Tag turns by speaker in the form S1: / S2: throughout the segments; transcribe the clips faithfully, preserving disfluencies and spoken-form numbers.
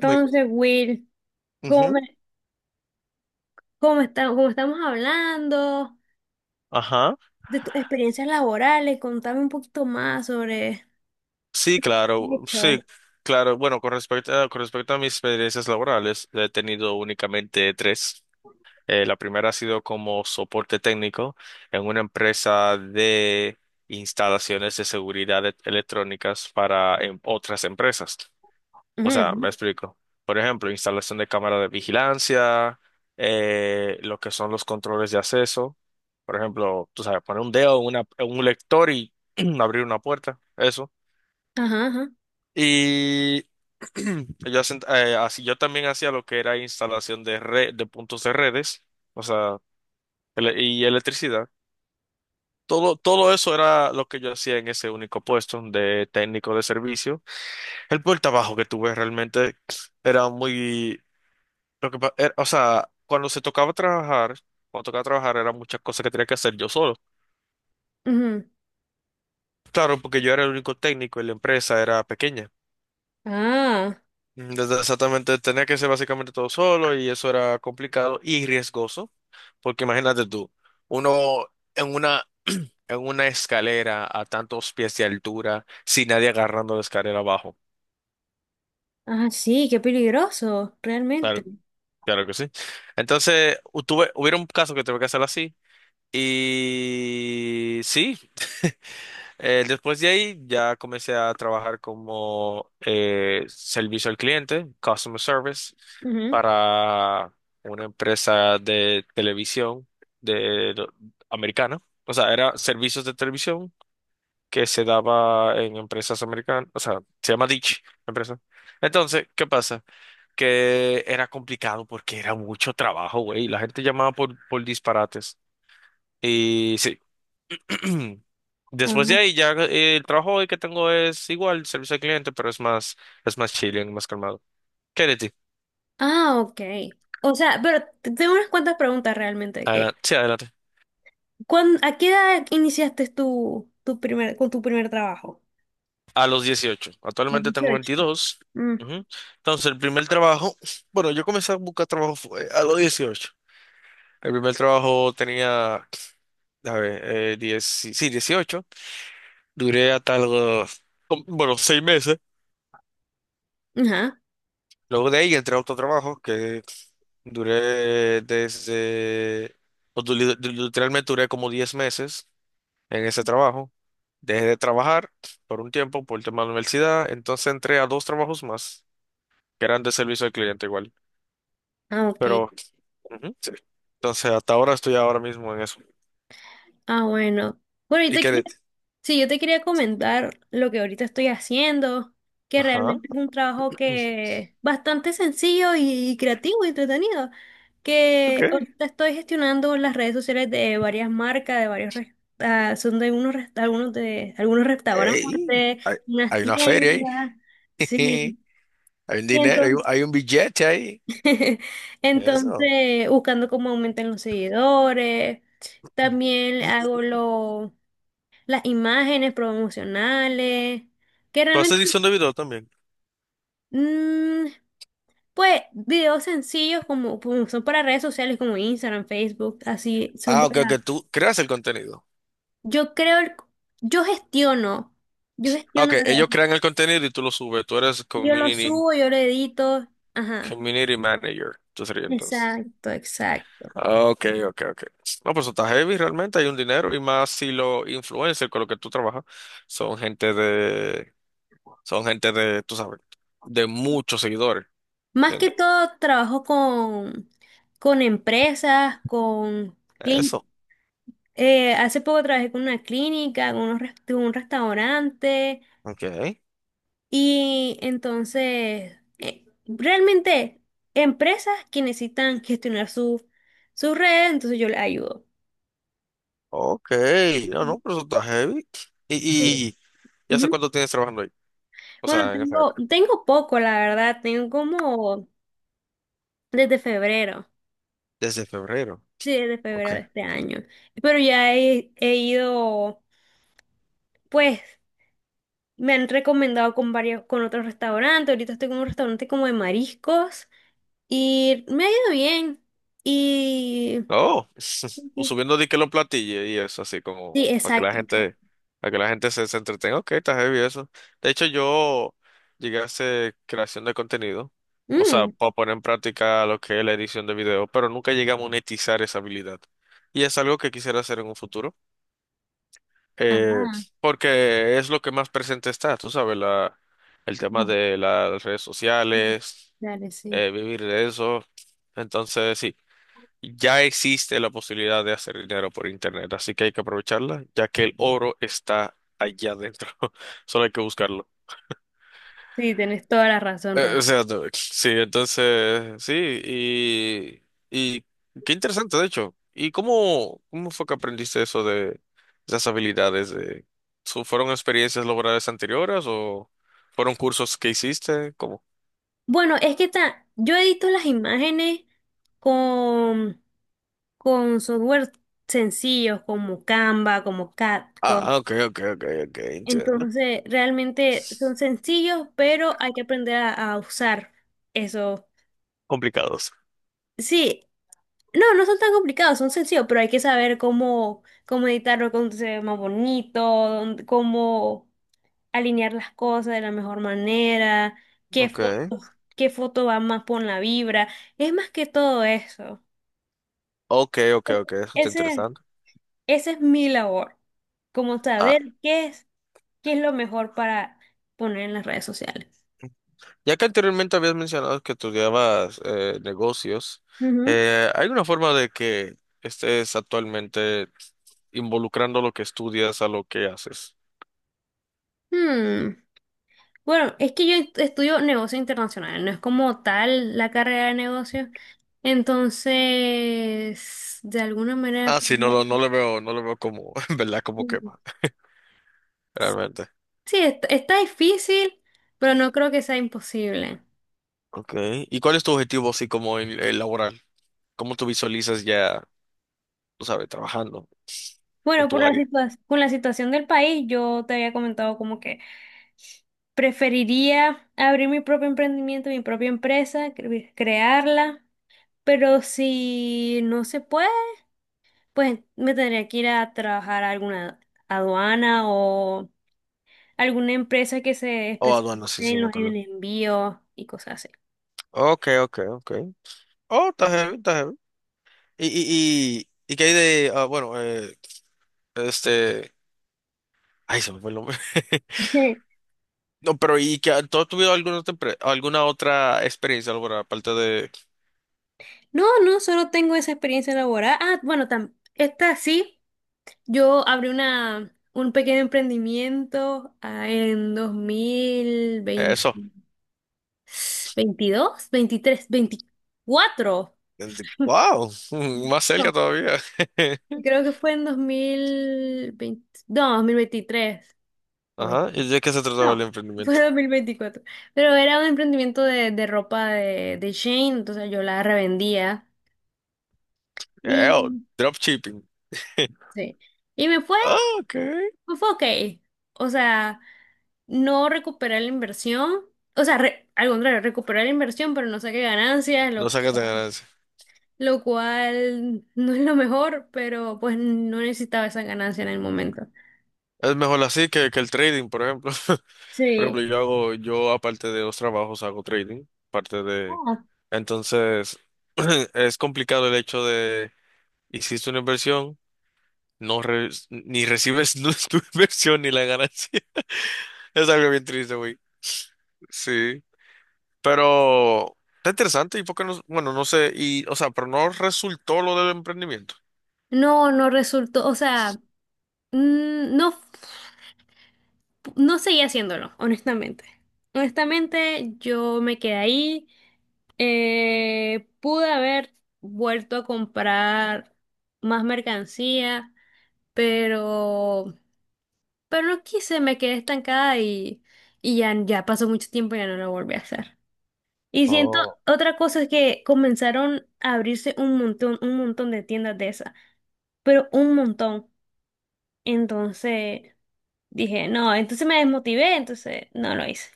S1: Muy-
S2: Will, cómo
S1: ujú.
S2: me, cómo esta- cómo estamos hablando
S1: Ajá.
S2: de tus experiencias laborales, contame un poquito más sobre
S1: Sí, claro. Sí,
S2: hecho.
S1: claro. Bueno, con respecto a, con respecto a mis experiencias laborales, he tenido únicamente tres. Eh, la primera ha sido como soporte técnico en una empresa de instalaciones de seguridad e- electrónicas para em, otras empresas. O sea, me
S2: Ujú.
S1: explico. Por ejemplo, instalación de cámaras de vigilancia, eh, lo que son los controles de acceso. Por ejemplo, tú sabes, poner un dedo en, una- en un lector y abrir una puerta, eso.
S2: Ajá, ajá.
S1: Y yo, hacen- eh, así, yo también hacía lo que era instalación de red, de puntos de redes, o sea, ele- y electricidad. Todo, todo eso era lo que yo hacía en ese único puesto de técnico de servicio. El puerta abajo que tuve realmente era muy. Lo que, pa- era- O sea, cuando se tocaba trabajar, cuando tocaba trabajar eran muchas cosas que tenía que hacer yo solo.
S2: Ujú.
S1: Claro, porque yo era el único técnico y la empresa era pequeña.
S2: Ah,
S1: Entonces, exactamente, tenía que hacer básicamente todo solo y eso era complicado y riesgoso, porque imagínate tú, uno en una, en una escalera a tantos pies de altura, sin nadie agarrando la escalera abajo.
S2: ah, sí, qué peligroso,
S1: Claro,
S2: realmente.
S1: claro que sí. Entonces, u- tuve, hubiera un caso que tuve que hacer así y sí. Eh, después de ahí ya comencé a trabajar como eh, servicio al cliente, customer service,
S2: Ujú.
S1: para una empresa de televisión de, lo- americana. O sea, era servicios de televisión que se daba en empresas americanas. O sea, se llama Dish, la empresa. Entonces, ¿qué pasa? Que era complicado porque era mucho trabajo, güey. La gente llamaba por, por disparates. Y sí. Después de
S2: Ajá.
S1: ahí ya eh, el trabajo hoy que tengo es igual, servicio al cliente, pero es más, es más chilling, más calmado. ¿Qué de ti?
S2: Ah, ok. O sea, pero te- tengo unas cuantas preguntas realmente. Que,
S1: Adelante. Sí, adelante.
S2: ¿cuán- ¿a qué edad iniciaste tu, tu primer, con tu primer trabajo?
S1: A los dieciocho
S2: A los
S1: Actualmente tengo
S2: dieciocho.
S1: veintidós
S2: Mm.
S1: Ujú. Entonces, el primer trabajo, bueno, yo comencé a buscar trabajo fue a los dieciocho. El primer trabajo tenía, a ver, eh, diez, sí, dieciocho. Duré hasta los, bueno, seis meses.
S2: Ajá.
S1: Luego de ahí entré a otro trabajo que duré desde, o du- li- li- literalmente duré como diez meses en ese trabajo. Dejé de trabajar por un tiempo por el tema de la universidad, entonces entré a dos trabajos más que eran de servicio al cliente igual.
S2: Ah, ok.
S1: Pero, ujú, sí. Entonces hasta ahora estoy ahora mismo en eso.
S2: Ah, bueno. Bueno, yo
S1: ¿Y
S2: te
S1: qué?
S2: quería,
S1: de-
S2: sí, yo te quería comentar lo que ahorita estoy haciendo, que
S1: Ajá.
S2: realmente es un trabajo que es bastante sencillo y creativo y entretenido,
S1: Ok.
S2: que ahorita estoy gestionando las redes sociales de varias marcas, de varios, res- ah, son de unos, res- algunos de algunos
S1: Ey,
S2: restaurantes,
S1: hay,
S2: unas
S1: hay una feria ahí.
S2: tiendas, sí.
S1: Hay un
S2: Y
S1: dinero, hay un,
S2: entonces,
S1: hay un billete ahí. Eso.
S2: entonces buscando cómo aumentan los seguidores. También hago lo las imágenes promocionales, que
S1: ¿Tú haces
S2: realmente,
S1: edición de video también?
S2: mm, pues videos sencillos como, como son para redes sociales como Instagram, Facebook, así son
S1: Ah, ok, que
S2: para...
S1: tú creas el contenido.
S2: Yo creo, el- yo gestiono, yo
S1: Ah,
S2: gestiono
S1: ok,
S2: las redes,
S1: ellos crean el contenido y tú lo subes. Tú eres
S2: yo lo
S1: community,
S2: subo, yo lo edito, ajá,
S1: community manager. Tú serías entonces.
S2: exacto, exacto.
S1: Ah, ok, ok, ok. No, pues eso está heavy realmente, hay un dinero y más si los influencers con los que tú trabajas son gente de, son gente de, tú sabes, de muchos seguidores.
S2: Más que
S1: ¿Entiendes?
S2: todo trabajo con, con empresas, con... clin-
S1: Eso.
S2: eh, hace poco trabajé con una clínica, con, unos res- con un restaurante.
S1: Ok,
S2: Y entonces, eh, realmente, empresas que necesitan gestionar su, su red, entonces yo les ayudo.
S1: ok. No, no, pero eso está heavy. ¿Y,
S2: Sí.
S1: y, y hace
S2: Ujú.
S1: cuánto tienes trabajando ahí? O
S2: Bueno,
S1: sea, en esa
S2: tengo,
S1: área.
S2: tengo poco, la verdad, tengo como desde febrero,
S1: Desde febrero.
S2: sí, desde febrero
S1: Ok.
S2: de este año, pero ya he, he ido, pues, me han recomendado con varios, con otros restaurantes, ahorita estoy con un restaurante como de mariscos y me ha ido bien y...
S1: Oh, o subiendo de que los platillos y eso, así como
S2: Sí,
S1: para que la
S2: exacto.
S1: gente, para que la gente se, se entretenga. Ok, está heavy eso. De hecho, yo llegué a hacer creación de contenido, o sea,
S2: Mm.
S1: para poner en práctica lo que es la edición de video, pero nunca llegué a monetizar esa habilidad. Y es algo que quisiera hacer en un futuro, eh,
S2: ah,
S1: porque es lo que más presente está, tú sabes, la, el tema
S2: tenés-
S1: de las redes sociales,
S2: dale, sí.
S1: eh, vivir de eso. Entonces, sí. Ya existe la posibilidad de hacer dinero por internet, así que hay que aprovecharla, ya que el oro está allá adentro. Solo hay que buscarlo.
S2: Sí, tenés toda la razón,
S1: Eh, o
S2: realmente.
S1: sea, no, sí, entonces, sí, y, y qué interesante, de hecho. ¿Y cómo, cómo fue que aprendiste eso de esas habilidades? De, ¿Su- ¿Fueron experiencias laborales anteriores o fueron cursos que hiciste? ¿Cómo?
S2: Bueno, es que ta- yo edito las imágenes con, con software sencillos como Canva, como CapCut.
S1: Ah, ok, ok, ok, ok, entiendo.
S2: Entonces, realmente son sencillos, pero hay que aprender a, a usar eso.
S1: Complicados.
S2: Sí, no, no son tan complicados, son sencillos, pero hay que saber cómo, cómo editarlo, cómo se ve más bonito, dónde- cómo alinear las cosas de la mejor manera, qué
S1: Ok,
S2: foto qué foto va más por la vibra. Es más que todo eso.
S1: ok, ok, ok, eso está
S2: Ese,
S1: interesante.
S2: esa es mi labor, como saber qué es, qué es lo mejor para poner en las redes sociales.
S1: Ya que anteriormente habías mencionado que estudiabas eh, negocios,
S2: Ujú.
S1: eh, ¿hay una forma de que estés actualmente involucrando lo que estudias a lo que haces?
S2: Hmm, Bueno, es que yo est- estudio negocio internacional, no es como tal la carrera de negocios. Entonces, de alguna manera,
S1: Ah, sí, no, lo- no le veo, no le veo como, en verdad, como quema, realmente.
S2: sí, est- está difícil, pero no creo que sea imposible.
S1: Okay. ¿Y cuál es tu objetivo así como en, en laboral? ¿Cómo tú visualizas ya, tú sabes, trabajando en
S2: Bueno, por
S1: tu
S2: la
S1: área?
S2: situa- con la situación del país, yo te había comentado como que preferiría abrir mi propio emprendimiento, mi propia empresa, cre- crearla, pero si no se puede, pues me tendría que ir a trabajar a alguna aduana o alguna empresa que se
S1: Oh,
S2: especialice
S1: aduana, sí, sí,
S2: en
S1: me
S2: los en
S1: acuerdo.
S2: envíos y cosas así.
S1: Okay, okay, okay. Oh, está heavy, está heavy. ¿Y, y, y, y qué hay de, ah, bueno, eh, este... Ay, se me fue el nombre. No, pero ¿y que tú has tenido alguna, otra empre- alguna otra experiencia laboral aparte de
S2: No, no, solo tengo esa experiencia laboral. Ah, bueno, tam- esta sí. Yo abrí una, un pequeño emprendimiento ah, en dos mil veinte,
S1: eso?
S2: veintidós, veintitrés, veinticuatro.
S1: Wow, más cerca
S2: No,
S1: todavía.
S2: creo que fue en dos mil veinte, no, dos mil veintitrés, o veinte,
S1: Ajá, ¿y de qué se trataba el
S2: no. Fue
S1: emprendimiento?
S2: dos mil veinticuatro. Pero era un emprendimiento de, de ropa de, de Shein, entonces yo la revendía.
S1: Eh, oh,
S2: Y,
S1: dropshipping.
S2: sí. Y me fue
S1: Ah, ok.
S2: fue ok. O sea, no recuperé la inversión. O sea, re- al contrario, recuperé la inversión, pero no saqué ganancias,
S1: No
S2: lo,
S1: sacas de ganancia.
S2: lo cual no es lo mejor, pero pues no necesitaba esa ganancia en el momento.
S1: Es mejor así que, que el trading, por ejemplo. Por
S2: Sí.
S1: ejemplo, yo hago, yo aparte de los trabajos hago trading, parte de...
S2: Ah,
S1: Entonces, es complicado el hecho de, hiciste una inversión. no re- ni recibes tu inversión ni la ganancia. Es algo bien triste, güey. Sí, pero está interesante y por qué no, bueno, no sé, y, o sea, pero no resultó lo del emprendimiento.
S2: no, no resultó, o sea, mm, no, f- no seguí haciéndolo, honestamente. Honestamente, yo me quedé ahí. Eh, pude haber vuelto a comprar más mercancía, pero, pero no quise, me quedé estancada y, y ya, ya pasó mucho tiempo y ya no lo volví a hacer. Y siento,
S1: Oh,
S2: otra cosa es que comenzaron a abrirse un montón, un montón de tiendas de esas, pero un montón. Entonces dije, no, entonces me desmotivé, entonces no lo hice.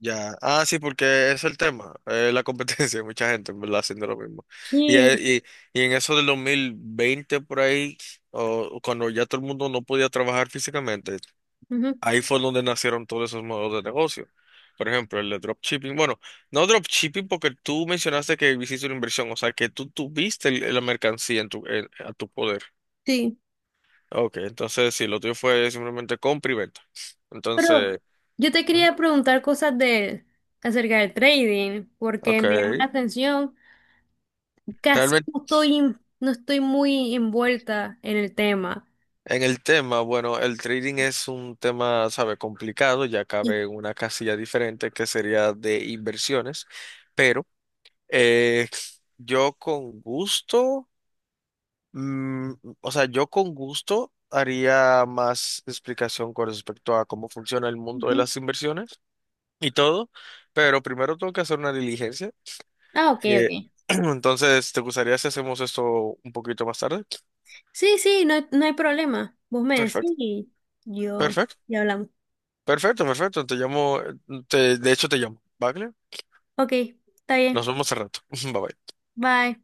S1: ya, ah, sí, porque es el tema, eh, la competencia, mucha gente, en ¿verdad? Haciendo lo mismo. Y,
S2: Sí.
S1: eh, y, y en eso del dos mil veinte por ahí, o cuando ya todo el mundo no podía trabajar físicamente.
S2: Ujú.
S1: Ahí fue donde nacieron todos esos modelos de negocio. Por ejemplo, el de dropshipping. Bueno, no dropshipping porque tú mencionaste que hiciste una inversión, o sea, que tú tuviste el- la mercancía en tu, en- a tu poder.
S2: Sí.
S1: Ok, entonces sí, lo tuyo fue simplemente compra y venta.
S2: Pero
S1: Entonces,
S2: yo te
S1: ¿Mm?
S2: quería preguntar cosas de, acerca del trading, porque
S1: Ok.
S2: me llama la atención. Casi
S1: Realmente
S2: no estoy, in- no estoy muy envuelta en el tema.
S1: en el tema, bueno, el trading es un tema, sabe, complicado, ya
S2: Y-
S1: cabe en una casilla diferente que sería de inversiones, pero eh, yo con gusto. Mm, o sea, yo con gusto haría más explicación con respecto a cómo funciona el mundo de
S2: Ujú.
S1: las inversiones y todo, pero primero tengo que hacer una diligencia.
S2: Ah, ok,
S1: eh,
S2: ok.
S1: entonces, ¿te gustaría si hacemos esto un poquito más tarde?
S2: Sí, sí, no, hay- no hay problema. Vos me decís
S1: Perfecto,
S2: y yo,
S1: perfecto,
S2: y hablamos.
S1: perfecto, perfecto. Te llamo, eh, te- de hecho te llamo, ¿vale?
S2: Ok, está
S1: Nos
S2: bien.
S1: vemos al rato. Bye bye.
S2: Bye.